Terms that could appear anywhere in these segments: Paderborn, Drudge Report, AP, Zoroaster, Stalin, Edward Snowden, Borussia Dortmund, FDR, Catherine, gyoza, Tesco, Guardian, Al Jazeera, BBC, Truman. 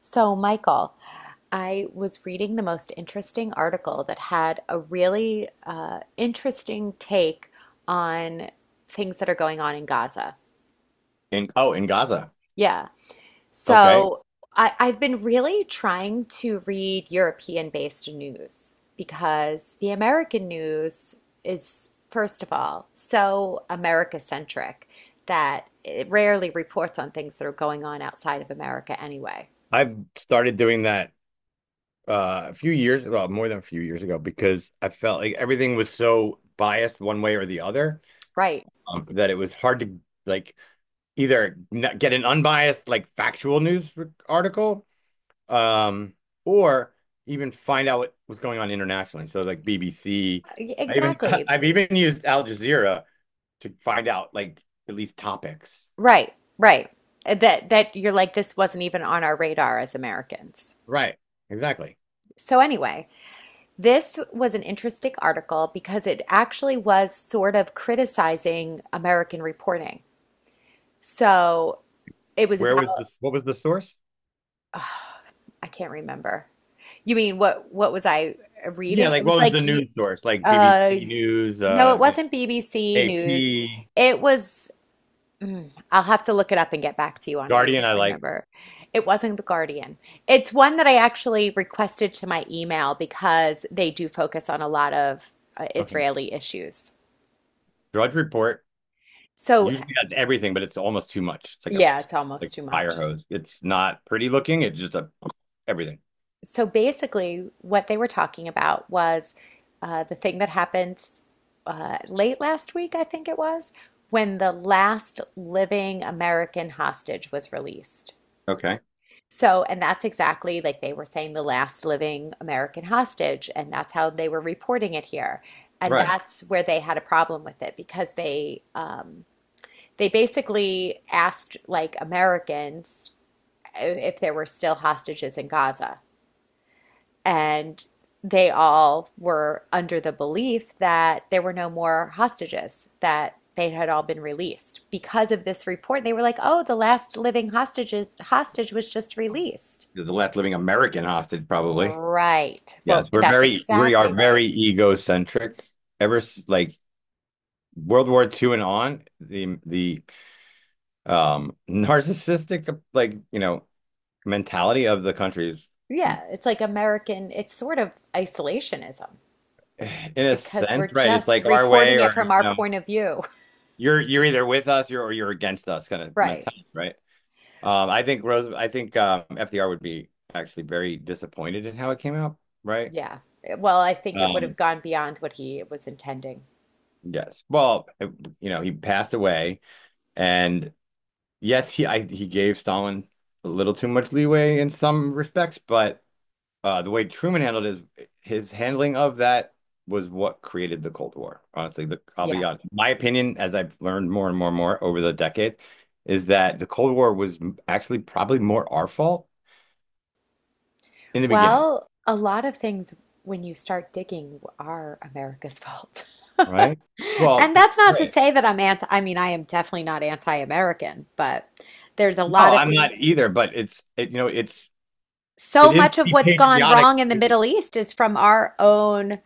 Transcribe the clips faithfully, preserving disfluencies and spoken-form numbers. So, Michael, I was reading the most interesting article that had a really uh, interesting take on things that are going on in Gaza. In oh, in Gaza. Yeah. Okay. So, I, I've been really trying to read European-based news because the American news is, first of all, so America-centric that it rarely reports on things that are going on outside of America anyway. I've started doing that uh, a few years, well, more than a few years ago, because I felt like everything was so biased one way or the other Right. um, that it was hard to like either n get an unbiased, like factual news r- article, um, or even find out what was going on internationally. So like B B C, I even Exactly. I've even used Al Jazeera to find out like at least topics. Right, right. Uh, That that you're like this wasn't even on our radar as Americans. Right. Exactly. So anyway, this was an interesting article because it actually was sort of criticizing American reporting. So it was Where about was this? What was the source? ugh, I can't remember. You mean what what was I Yeah, reading? It like was what was the like you news source? Like B B C uh News, no, it uh, you know, wasn't B B C News. A P, It was Mm, I'll have to look it up and get back to you on it. I Guardian. can't I like. remember. It wasn't The Guardian. It's one that I actually requested to my email because they do focus on a lot of uh, Okay, Israeli issues. Drudge Report So, usually has everything, but it's almost too much. It's like a yeah, it's almost like too fire much. hose. It's not pretty looking. It's just a everything. So, basically, what they were talking about was uh, the thing that happened uh, late last week, I think it was, when the last living American hostage was released. Okay, So, and that's exactly like they were saying the last living American hostage, and that's how they were reporting it here. And right. that's where they had a problem with it because they um, they basically asked like Americans uh, if there were still hostages in Gaza. And they all were under the belief that there were no more hostages, that they had all been released. Because of this report, they were like, "Oh, the last living hostages hostage was just released." You're the last living American hostage, probably. Right. Well, Yes, we're that's very we exactly are right. very egocentric. Ever s- like World War Two and on, the the um narcissistic, like, you know, mentality of the countries, Yeah, it's like American, it's sort of isolationism in a because we're sense, right? It's just like our way, reporting it or, from you our know, point of view. you're you're either with us, you're or you're against us, kind of Right. mentality, right? Um, I think Rose, I think um, F D R would be actually very disappointed in how it came out, right? Yeah. Eh, Well, I think it would have Um, gone beyond what he was intending. yes. Well, it- you know, he passed away, and yes, he I, he gave Stalin a little too much leeway in some respects, but uh, the way Truman handled his his handling of that was what created the Cold War. Honestly, the I'll be Yeah. honest. My opinion, as I've learned more and more and more over the decade, is that the Cold War was actually probably more our fault in the beginning, Well, a lot of things when you start digging are America's fault. right? Well, And that's not to right. say that I'm anti, I mean, I am definitely not anti-American, but there's a No, lot of I'm things. not either, but it's it, you know, it's So it is much of be what's gone patriotic wrong in the to Middle East is from our own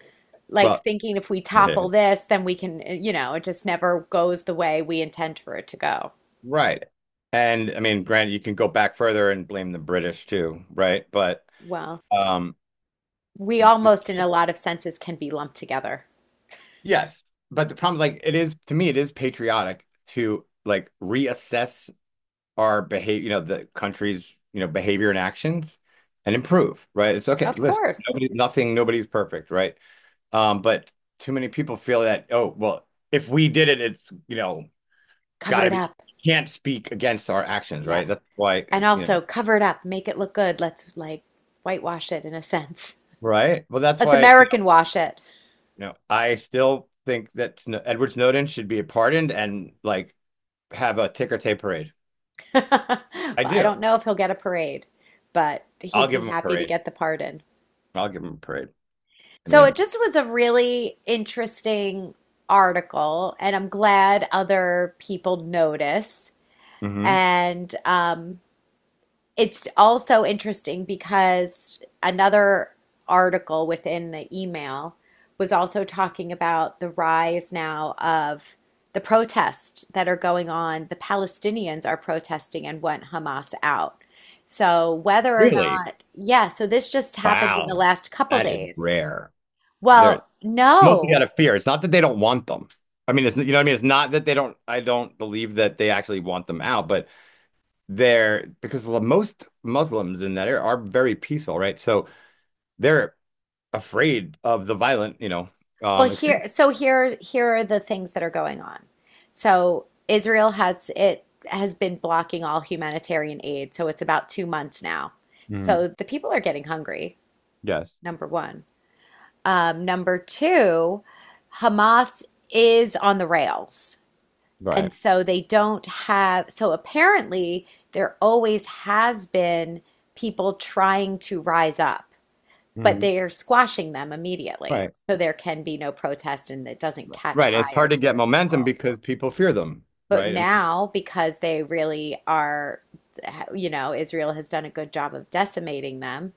like well, thinking if we topple this, then we can, eh, you know, it just never goes the way we intend for it to go. right. And I mean, granted, you can go back further and blame the British too, right? But Well, um we almost, in a lot of senses, can be lumped together. yes, but the problem, like, it is to me, it is patriotic to like reassess our behavior, you know, the country's, you know, behavior and actions and improve, right? It's okay. Of Listen, course. nobody, nothing, nobody's perfect, right? Um, but too many people feel that, oh, well, if we did it, it's, you know, Cover gotta it be, up. can't speak against our actions, Yeah. right? That's why, And you know, also cover it up, make it look good. Let's like whitewash it in a sense. right? Well, that's Let's why, you know, American wash it. you know, I still think that Sno- Edward Snowden should be pardoned and like have a ticker tape parade. I Well, I do. don't know if he'll get a parade, but I'll he'd be give him a happy to parade. get the pardon. I'll give him a parade. I So it mean, just was a really interesting article, and I'm glad other people notice. mm-hmm. And um, it's also interesting because another article within the email was also talking about the rise now of the protests that are going on. The Palestinians are protesting and want Hamas out. So whether or Really? not, yeah, so this just happened in the Wow, last couple that is days. rare. They're Well, mostly no. out of fear. It's not that they don't want them. I mean, it's you know what I mean. It's not that they don't. I don't believe that they actually want them out, but they're because most Muslims in that area are very peaceful, right? So they're afraid of the violent, you know, Well, um, extreme. here, so here, here are the things that are going on. So Israel has it has been blocking all humanitarian aid, so it's about two months now. Mm-hmm. So the people are getting hungry, Yes, number one. Um, number two, Hamas is on the rails, and right. so they don't have. So apparently, there always has been people trying to rise up, but Mm-hmm. they are squashing them immediately. Right. So there can be no protest and it doesn't Right. catch Right. It's fire hard to to the get momentum people. because people fear them, But right? I mean, now, because they really are, you know, Israel has done a good job of decimating them,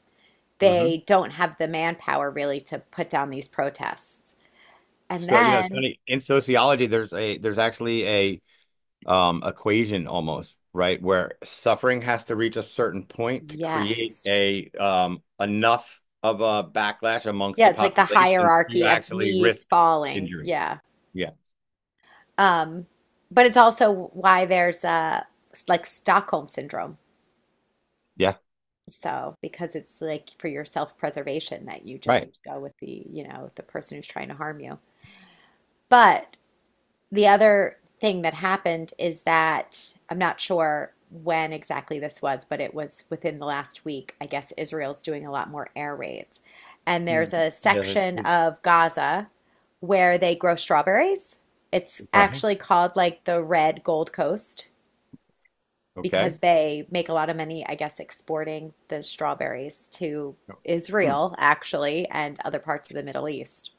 mm-hmm. they don't have the manpower really to put down these protests. And So, you know, it's then, funny. In sociology, there's a there's actually a um equation almost, right? Where suffering has to reach a certain point to create yes. a um enough of a backlash amongst Yeah, the it's like the population to hierarchy of actually needs risk falling. injury. Yeah. Yeah. Um, but it's also why there's uh, s- like Stockholm syndrome. Yeah. So, because it's like for your self-preservation that you Right. just go with the, you know, the person who's trying to harm you. But the other thing that happened is that I'm not sure when exactly this was, but it was within the last week. I guess Israel's doing a lot more air raids. And Mm. there's a Yeah. that's- section That's of Gaza where they grow strawberries. It's right. actually called like the Red Gold Coast because Okay. they make a lot of money, I guess, exporting the strawberries to Hmm. Israel, actually, and other parts of the Middle East.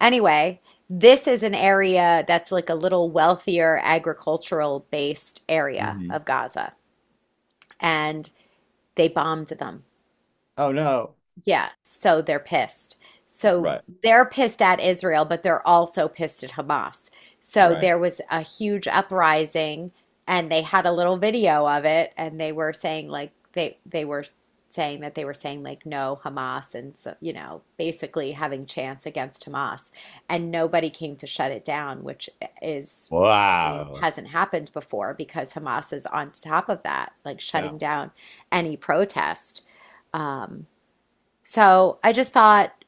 Anyway, this is an area that's like a little wealthier agricultural based area Hmm. of Gaza, and they bombed them. Oh no. Yeah, so they're pissed. So Right. they're pissed at Israel, but they're also pissed at Hamas. So Right. there was a huge uprising, and they had a little video of it, and they were saying like they they were saying that they were saying like no Hamas, and so you know basically having chance against Hamas, and nobody came to shut it down, which is really Wow. hasn't happened before because Hamas is on top of that, like shutting Cow. down any protest. Um, so I just thought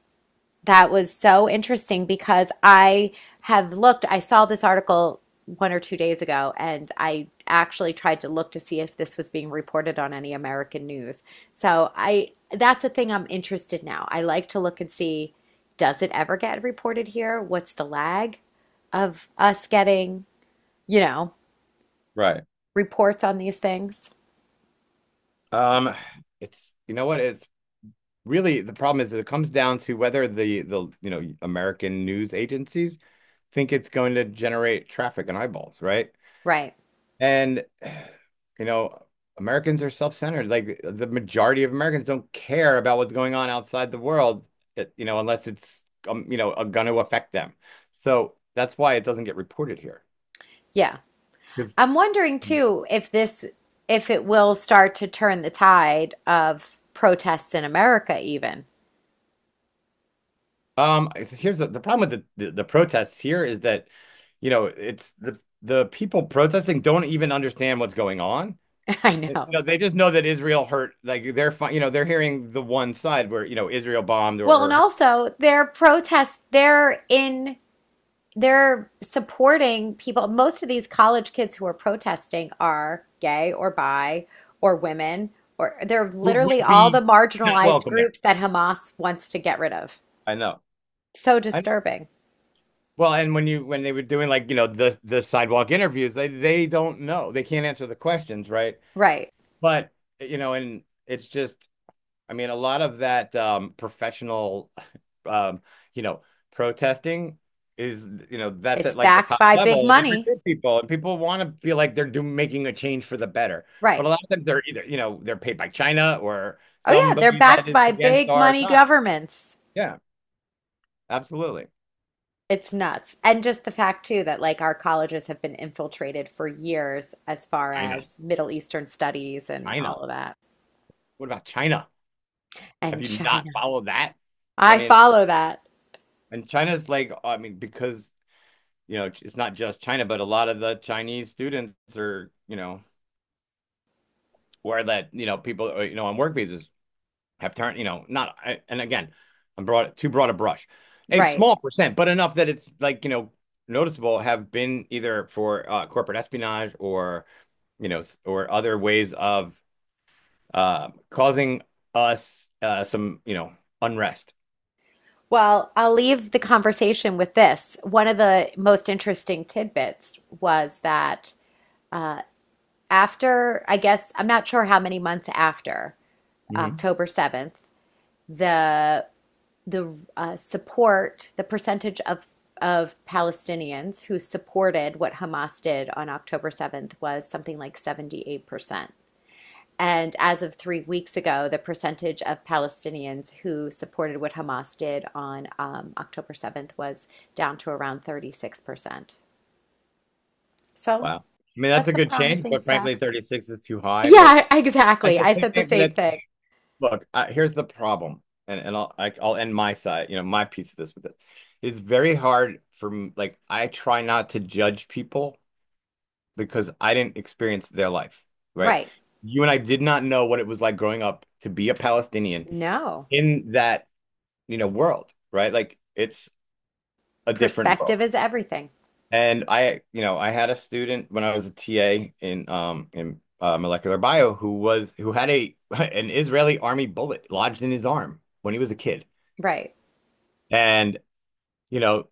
that was so interesting because I have looked, I saw this article one or two days ago, and I actually tried to look to see if this was being reported on any American news. So I that's a thing I'm interested now. I like to look and see, does it ever get reported here? What's the lag of us getting, you know, Right. reports on these things? Um, it's you know what? It's Really the problem is that it comes down to whether the the you know American news agencies think it's going to generate traffic and eyeballs, right? Right. And you know, Americans are self-centered. Like the majority of Americans don't care about what's going on outside the world, eh, you know, unless it's um, you know, going to affect them. So that's why it doesn't get reported here. Yeah. 'Cause, I'm wondering too if this if it will start to turn the tide of protests in America even. Um, here's the, the problem with the, the the protests here is that, you know, it's the the people protesting don't even understand what's going on. I You know. know, they just know that Israel hurt. Like they're fine. You know, they're hearing the one side where you know Israel bombed or, Well, and or hurt, also their protests they're in they're supporting people. Most of these college kids who are protesting are gay or bi or women or they're who literally would all the be not marginalized welcome there. groups that Hamas wants to get rid of. I know. So I know. disturbing. Well, and when you when they were doing like you know the the sidewalk interviews, they they don't know. They can't answer the questions, right? Right. But you know, and it's just I mean, a lot of that um, professional, um, you know, protesting is, you know, that's It's at like the backed top by big level, and they're money. good people, and people want to feel like they're doing making a change for the better. But a Right. lot of times they're either, you know, they're paid by China or Oh yeah, they're somebody that backed is by against big our money side. governments. Yeah, absolutely. It's nuts. And just the fact too that like our colleges have been infiltrated for years as far China, as Middle Eastern studies and all China. of that. What about China? Have And you not China. followed that? I I mean, follow that. and China's like, I mean, because you know, it's not just China, but a lot of the Chinese students are, you know. Where that you know people uh, you know on work visas have turned you know not and again I'm broad too broad a brush a Right. small percent but enough that it's like you know noticeable have been either for uh, corporate espionage or you know or other ways of uh, causing us uh, some you know unrest. Well, I'll leave the conversation with this. One of the most interesting tidbits was that after, I guess, I'm not sure how many months after Hmm. October seventh, the the uh, support, the percentage of of Palestinians who supported what Hamas did on October seventh was something like seventy-eight percent. And as of three weeks ago, the percentage of Palestinians who supported what Hamas did on um, October seventh was down to around thirty-six percent. So Wow. I mean that's that's a some good change, promising but frankly stuff. thirty-six is too high. But Yeah, at exactly. the I said the same, but same at thing. look, I, here's the problem, and and I'll I, I'll end my side, you know, my piece of this with this. It's very hard for m- like I try not to judge people because I didn't experience their life, right? Right. You and I did not know what it was like growing up to be a Palestinian No, in that, you know, world, right? Like it's a different world. perspective is everything. And I, you know, I had a student when I was a T A in um in uh, molecular bio who was who had a an Israeli army bullet lodged in his arm when he was a kid. Right, And you know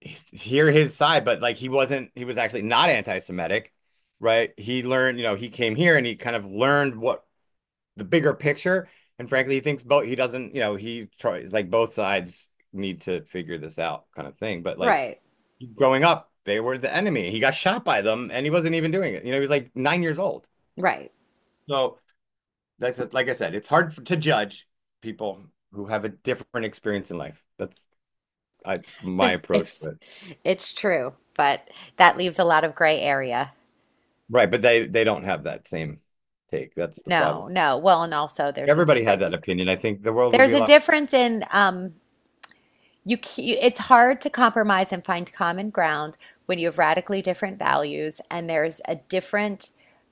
hear his side but like he wasn't he was actually not anti-Semitic right he learned you know he came here and he kind of learned what the bigger picture and frankly he thinks both he doesn't you know he tries like both sides need to figure this out kind of thing but like right, growing up they were the enemy he got shot by them and he wasn't even doing it you know he was like nine years old right. so that's like I said it's hard to judge people who have a different experience in life that's, that's my approach to It's it. It's true, but that leaves a lot of gray area. Right, but they they don't have that same take. That's the problem. No, no. Well, and also there's a Everybody had that difference. opinion. I think the world would be There's a a lot difference in um you c- it's hard to compromise and find common ground when you have radically different values and there's a different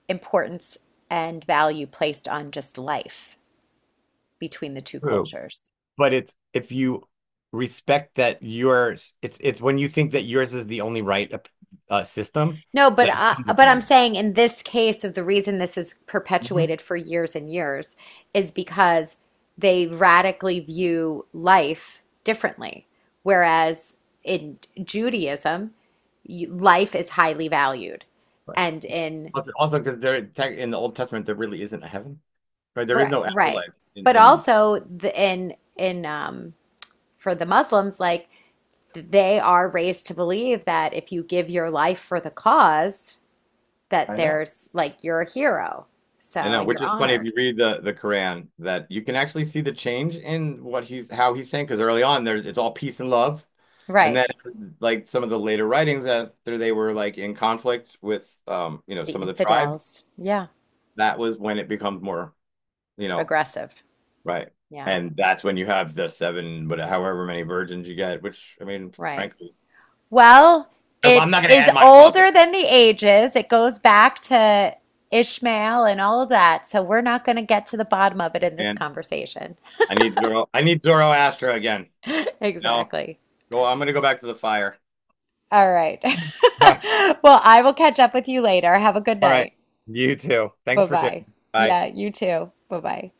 importance and value placed on just life between the two true. cultures. But it's if you respect that yours, it's it's when you think that yours is the only right op- uh, system No, but that it I, becomes a but I'm problem. saying in this case of the reason this is Hmm. perpetuated for years and years is because they radically view life differently. Whereas in Judaism, life is highly valued, Right. and in Also, also because there tech in the Old Testament there really isn't a heaven. Right. There is right, no right, afterlife in but in. also the, in in um, for the Muslims, like they are raised to believe that if you give your life for the cause, that I know. there's like you're a hero. I So, know, and which you're is funny if honored. you read the the Quran that you can actually see the change in what he's how he's saying because early on there's it's all peace and love, and Right. then like some of the later writings after they were like in conflict with um you know The some of the tribes infidels. Yeah. that was when it becomes more you know Aggressive. right Yeah. and that's when you have the seven but however many virgins you get which I mean Right. frankly Well, it I'm not gonna is add my thought there. older than the ages. It goes back to Ishmael and all of that. So, we're not going to get to the bottom of it in this Man, conversation. I need Zoro I need Zoroaster again. No, Exactly. go I'm gonna go back to the fire. All right. All right. Well, I will catch up with you later. Have a good All right. night. You too. Thanks Bye for sharing. bye. Bye. Yeah, you too. Bye bye.